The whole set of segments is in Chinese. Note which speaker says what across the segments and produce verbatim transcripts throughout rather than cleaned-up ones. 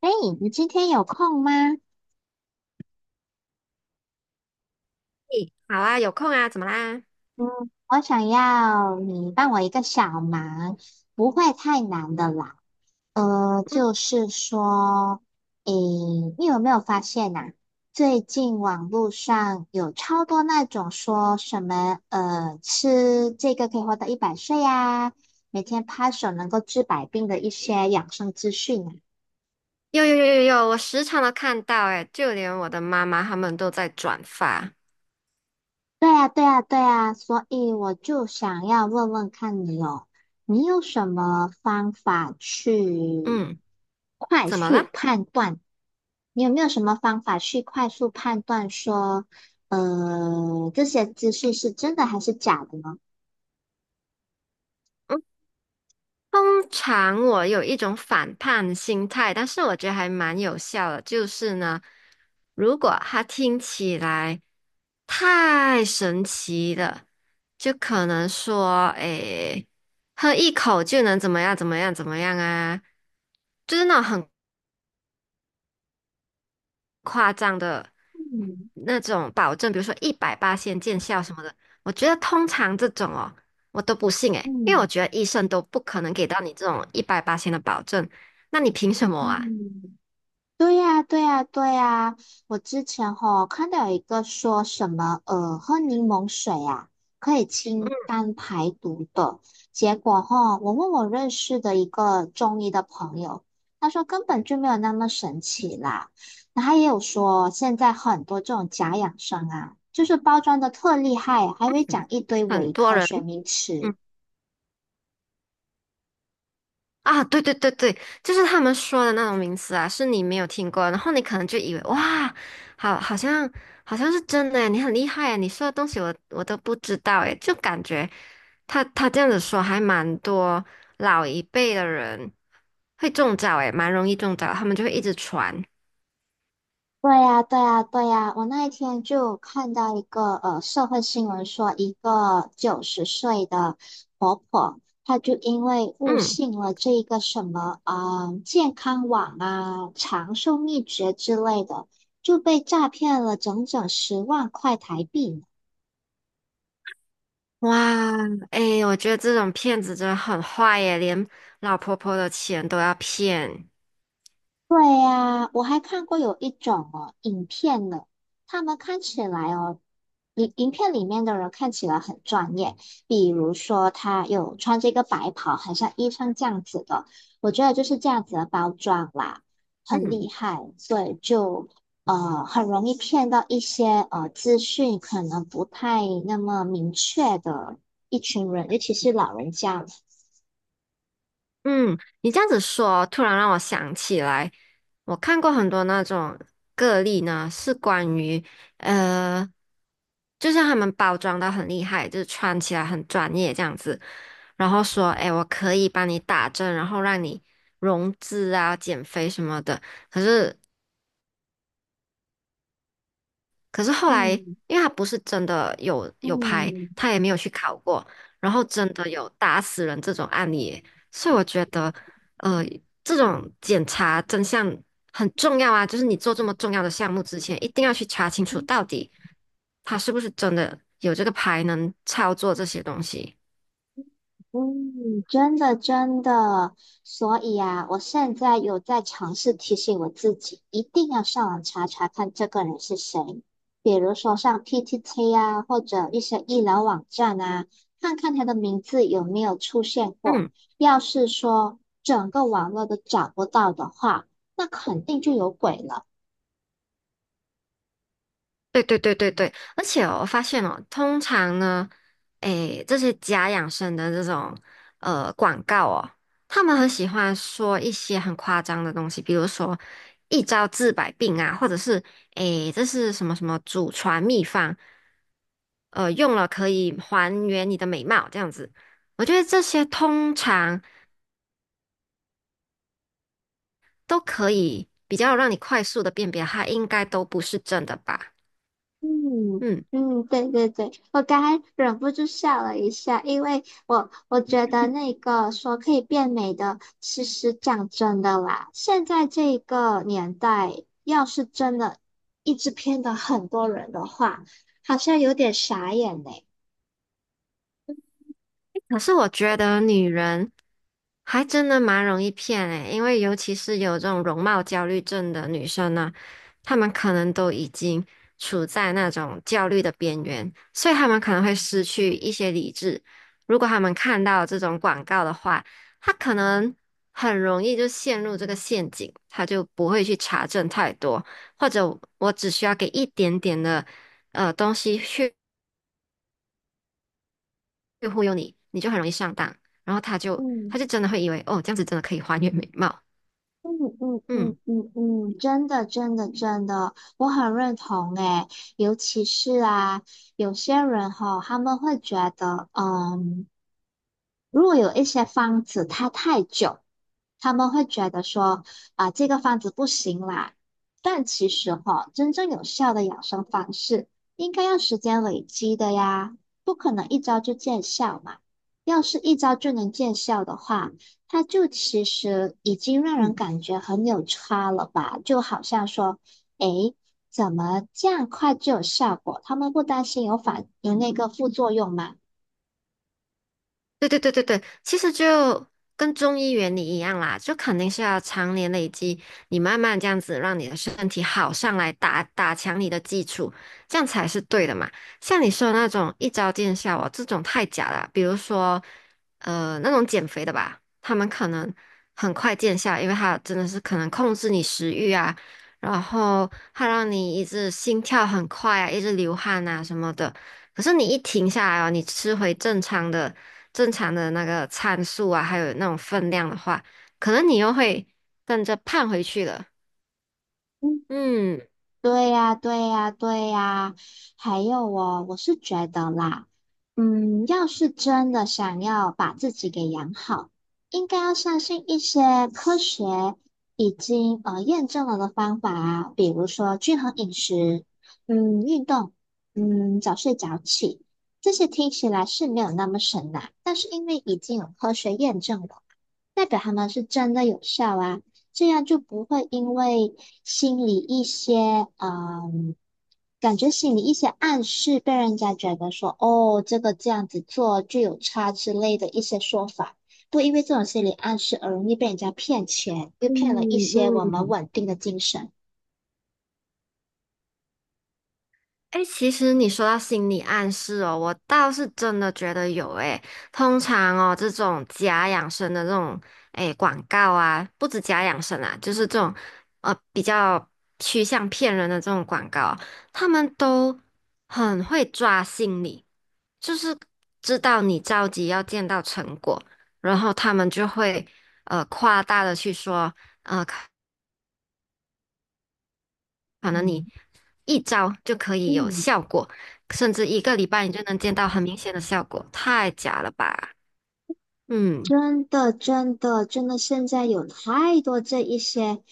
Speaker 1: 哎，你今天有空吗？
Speaker 2: 嘿好啊，有空啊，怎么啦？
Speaker 1: 嗯，我想要你帮我一个小忙，不会太难的啦。呃，
Speaker 2: 嗯，
Speaker 1: 就是说，诶，你有没有发现呐、最近网络上有超多那种说什么，呃，吃这个可以活到一百岁呀、每天拍手能够治百病的一些养生资讯啊。
Speaker 2: 有有有有有，我时常都看到、欸，诶，就连我的妈妈他们都在转发。
Speaker 1: 对呀，对呀，对呀，所以我就想要问问看你哦，你有什么方法去
Speaker 2: 嗯，
Speaker 1: 快
Speaker 2: 怎么了？
Speaker 1: 速判断？你有没有什么方法去快速判断说，呃，这些资讯是真的还是假的呢？
Speaker 2: 嗯，通常我有一种反叛心态，但是我觉得还蛮有效的，就是呢，如果他听起来太神奇了，就可能说，诶、喝一口就能怎么样怎么样怎么样啊，就是那种很。夸张的
Speaker 1: 嗯
Speaker 2: 那种保证，比如说一百八先见效什么的，我觉得通常这种哦，我都不信诶，因为我
Speaker 1: 嗯
Speaker 2: 觉得医生都不可能给到你这种一百八的保证，那你凭什么啊？
Speaker 1: 嗯。对呀，对呀，对呀！我之前吼看到有一个说什么，呃，喝柠檬水啊，可以清
Speaker 2: 嗯，
Speaker 1: 肝排毒的。结果吼，我问我认识的一个中医的朋友，他说根本就没有那么神奇啦。那他也有说，现在很多这种假养生啊，就是包装的特厉害，还会讲一堆
Speaker 2: 很
Speaker 1: 伪
Speaker 2: 多
Speaker 1: 科
Speaker 2: 人，
Speaker 1: 学名词。
Speaker 2: 嗯啊，对对对对，就是他们说的那种名词啊，是你没有听过，然后你可能就以为哇，好，好像好像是真的诶，你很厉害诶，你说的东西我我都不知道诶，就感觉。他他这样子说，还蛮多老一辈的人会中招，诶，蛮容易中招，他们就会一直传。
Speaker 1: 对呀，对呀，对呀！我那一天就看到一个呃社会新闻说，一个九十岁的婆婆，她就因为误
Speaker 2: 嗯，
Speaker 1: 信了这个什么啊、呃健康网啊、长寿秘诀之类的，就被诈骗了整整十万块台币呢。
Speaker 2: 哇，诶，我觉得这种骗子真的很坏耶，连老婆婆的钱都要骗。
Speaker 1: 对呀，我还看过有一种哦影片呢，他们看起来哦，影影片里面的人看起来很专业，比如说他有穿这个白袍，很像医生这样子的，我觉得就是这样子的包装啦，很
Speaker 2: 嗯。
Speaker 1: 厉害，所以就呃很容易骗到一些呃资讯可能不太那么明确的一群人，尤其是老人家，
Speaker 2: 嗯，你这样子说，突然让我想起来，我看过很多那种个例呢，是关于呃，就是他们包装的很厉害，就是穿起来很专业这样子，然后说，哎，我可以帮你打针，然后让你融资啊、减肥什么的。可是可是后来，
Speaker 1: 嗯
Speaker 2: 因为他不是真的有有牌，
Speaker 1: 嗯。
Speaker 2: 他也没有去考过，然后真的有打死人这种案例耶所以我觉得，呃，这种检查真相很重要啊，就是你做这么重要的项目之前，一定要去查清楚
Speaker 1: 嗯
Speaker 2: 到底他是不是真的有这个牌能操作这些东西。
Speaker 1: 嗯，真的真的，所以啊，我现在有在尝试提醒我自己，一定要上网查查看这个人是谁，比如说上 P T T 啊，或者一些医疗网站啊，看看他的名字有没有出现过。
Speaker 2: 嗯。
Speaker 1: 要是说整个网络都找不到的话，那肯定就有鬼了。
Speaker 2: 对对对对对，而且哦我发现哦，通常呢，诶，这些假养生的这种呃广告哦，他们很喜欢说一些很夸张的东西，比如说一招治百病啊，或者是诶，这是什么什么祖传秘方，呃，用了可以还原你的美貌这样子。我觉得这些通常都可以比较让你快速的辨别，它应该都不是真的吧。
Speaker 1: 嗯
Speaker 2: 嗯，
Speaker 1: 嗯，对对对，我刚才忍不住笑了一下，因为我我觉得那个说可以变美的，其实讲真的啦，现在这个年代，要是真的一直骗到很多人的话，好像有点傻眼呢。
Speaker 2: 可是我觉得女人。还真的蛮容易骗诶，因为尤其是有这种容貌焦虑症的女生呢，她们可能都已经处在那种焦虑的边缘，所以她们可能会失去一些理智。如果她们看到这种广告的话，她可能很容易就陷入这个陷阱，她就不会去查证太多，或者我只需要给一点点的呃东西去去忽悠你，你就很容易上当，然后她就她
Speaker 1: 嗯
Speaker 2: 就真的会以为哦，这样子真的可以还原美貌。
Speaker 1: 嗯嗯嗯
Speaker 2: 嗯。
Speaker 1: 嗯嗯，真的真的真的，我很认同诶，尤其是啊，有些人哈，他们会觉得，嗯。如果有一些方子它太久，他们会觉得说啊、这个方子不行啦。但其实哈、真正有效的养生方式应该要时间累积的呀，不可能一招就见效嘛。要是一招就能见效的话，它就其实已经让人感觉很有差了吧？就好像说，诶，怎么这样快就有效果？他们不担心有反有那个副作用吗？
Speaker 2: 对对对对对，其实就跟中医原理一样啦，就肯定是要常年累积，你慢慢这样子让你的身体好上来打，打强你的基础，这样才是对的嘛。像你说的那种一招见效哦，这种太假了。比如说，呃，那种减肥的吧，他们可能很快见效，因为他真的是可能控制你食欲啊，然后他让你一直心跳很快啊，一直流汗啊什么的。可是你一停下来哦，你吃回正常的、正常的那个参数啊，还有那种分量的话，可能你又会跟着胖回去了。
Speaker 1: 嗯。
Speaker 2: 嗯
Speaker 1: 对呀，对呀，对呀，还有哦，我是觉得啦，嗯，要是真的想要把自己给养好，应该要相信一些科学已经呃验证了的方法啊，比如说均衡饮食，嗯，运动，嗯，早睡早起，这些听起来是没有那么神呐，但是因为已经有科学验证了。代表他们是真的有效啊，这样就不会因为心里一些嗯，感觉心里一些暗示被人家觉得说哦，这个这样子做就有差之类的一些说法，不因为这种心理暗示而容易被人家骗钱，又骗了一
Speaker 2: 嗯
Speaker 1: 些我们
Speaker 2: 嗯，
Speaker 1: 稳定的精神。
Speaker 2: 哎，其实你说到心理暗示哦，我倒是真的觉得有哎。通常哦，这种假养生的这种哎广告啊，不止假养生啊，就是这种呃比较趋向骗人的这种广告哦，他们都很会抓心理，就是知道你着急要见到成果，然后他们就会呃夸大的去说。可能
Speaker 1: 嗯。
Speaker 2: 你一招就可以有
Speaker 1: 嗯。
Speaker 2: 效果，甚至一个礼拜你就能见到很明显的效果，太假了吧？嗯
Speaker 1: 真的，真的，真的，现在有太多这一些，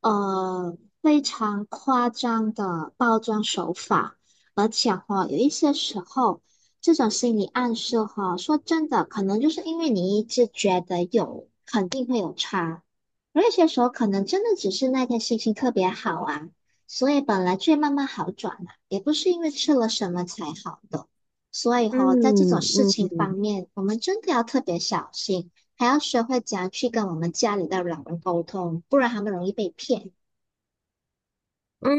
Speaker 1: 呃，非常夸张的包装手法，而且哈、有一些时候，这种心理暗示哈、说真的，可能就是因为你一直觉得有，肯定会有差，而有些时候可能真的只是那天心情特别好啊，所以本来就会慢慢好转了，也不是因为吃了什么才好的。所以哦，在这
Speaker 2: 嗯
Speaker 1: 种事
Speaker 2: 嗯，
Speaker 1: 情方
Speaker 2: 嗯。
Speaker 1: 面，我们真的要特别小心，还要学会怎样去跟我们家里的老人沟通，不然他们容易被骗。
Speaker 2: 嗯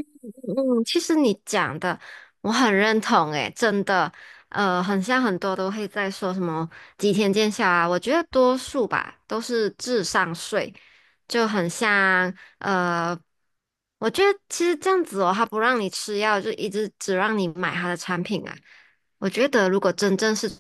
Speaker 2: 嗯，其实你讲的我很认同，诶，真的，呃，很像很多都会在说什么几天见效啊，我觉得多数吧都是智商税，就很像，呃，我觉得其实这样子哦，他不让你吃药，就一直只让你买他的产品啊，我觉得如果真正是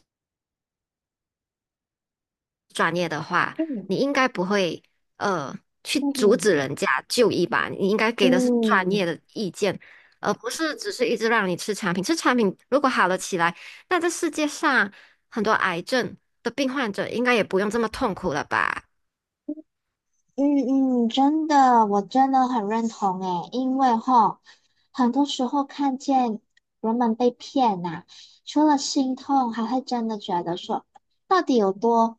Speaker 2: 专业的话，
Speaker 1: 嗯
Speaker 2: 你应该不会呃去阻止
Speaker 1: 嗯
Speaker 2: 人家就医吧？你应该给的是专业
Speaker 1: 嗯，
Speaker 2: 的意见，而不是只是一直让你吃产品。吃产品如果好了起来，那这世界上很多癌症的病患者应该也不用这么痛苦了吧？
Speaker 1: 嗯嗯，真的，我真的很认同诶，因为哈，很多时候看见人们被骗呐、除了心痛，还会真的觉得说，到底有多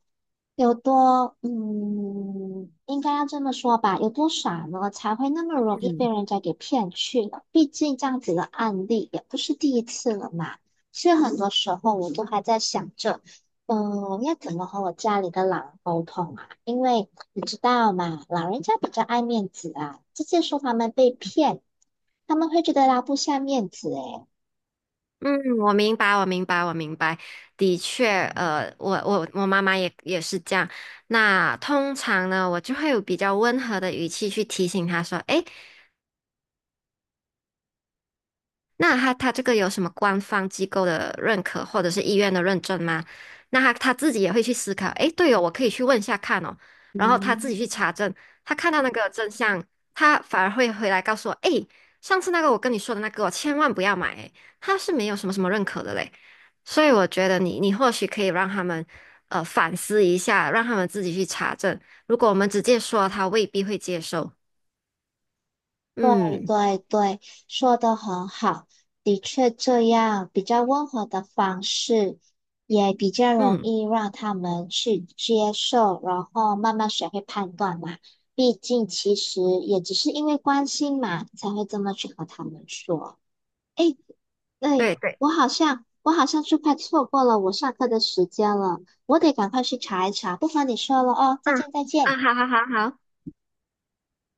Speaker 1: 有多，嗯，应该要这么说吧，有多傻呢，才会那么容易被
Speaker 2: 嗯
Speaker 1: 人家给骗去了？毕竟这样子的案例也不是第一次了嘛，所以很多时候我都还在想着。嗯，要怎么和我家里的老人沟通啊？因为你知道嘛，老人家比较爱面子啊，直接说他们被骗，他们会觉得拉不下面子诶。
Speaker 2: 嗯，我明白，我明白，我明白。的确，呃，我我我妈妈也也是这样。那通常呢，我就会有比较温和的语气去提醒她说："诶，那他他这个有什么官方机构的认可或者是医院的认证吗？那他他自己也会去思考，诶，对哦，我可以去问一下看哦，然后他自
Speaker 1: 嗯，
Speaker 2: 己去查证，他看到那个真相，他反而会回来告诉我，诶，上次那个我跟你说的那个我千万不要买，诶，他是没有什么什么认可的嘞，所以我觉得你你或许可以让他们呃反思一下，让他们自己去查证，如果我们直接说，他未必会接受，嗯
Speaker 1: 对对，说的很好，的确这样比较温和的方式，也比较容
Speaker 2: 嗯，
Speaker 1: 易让他们去接受，然后慢慢学会判断嘛。毕竟其实也只是因为关心嘛，才会这么去和他们说。诶，对，
Speaker 2: 对对，
Speaker 1: 我好像我好像是快错过了我上课的时间了，我得赶快去查一查。不妨你说了哦，再
Speaker 2: 嗯
Speaker 1: 见再见。
Speaker 2: 嗯，好好好好。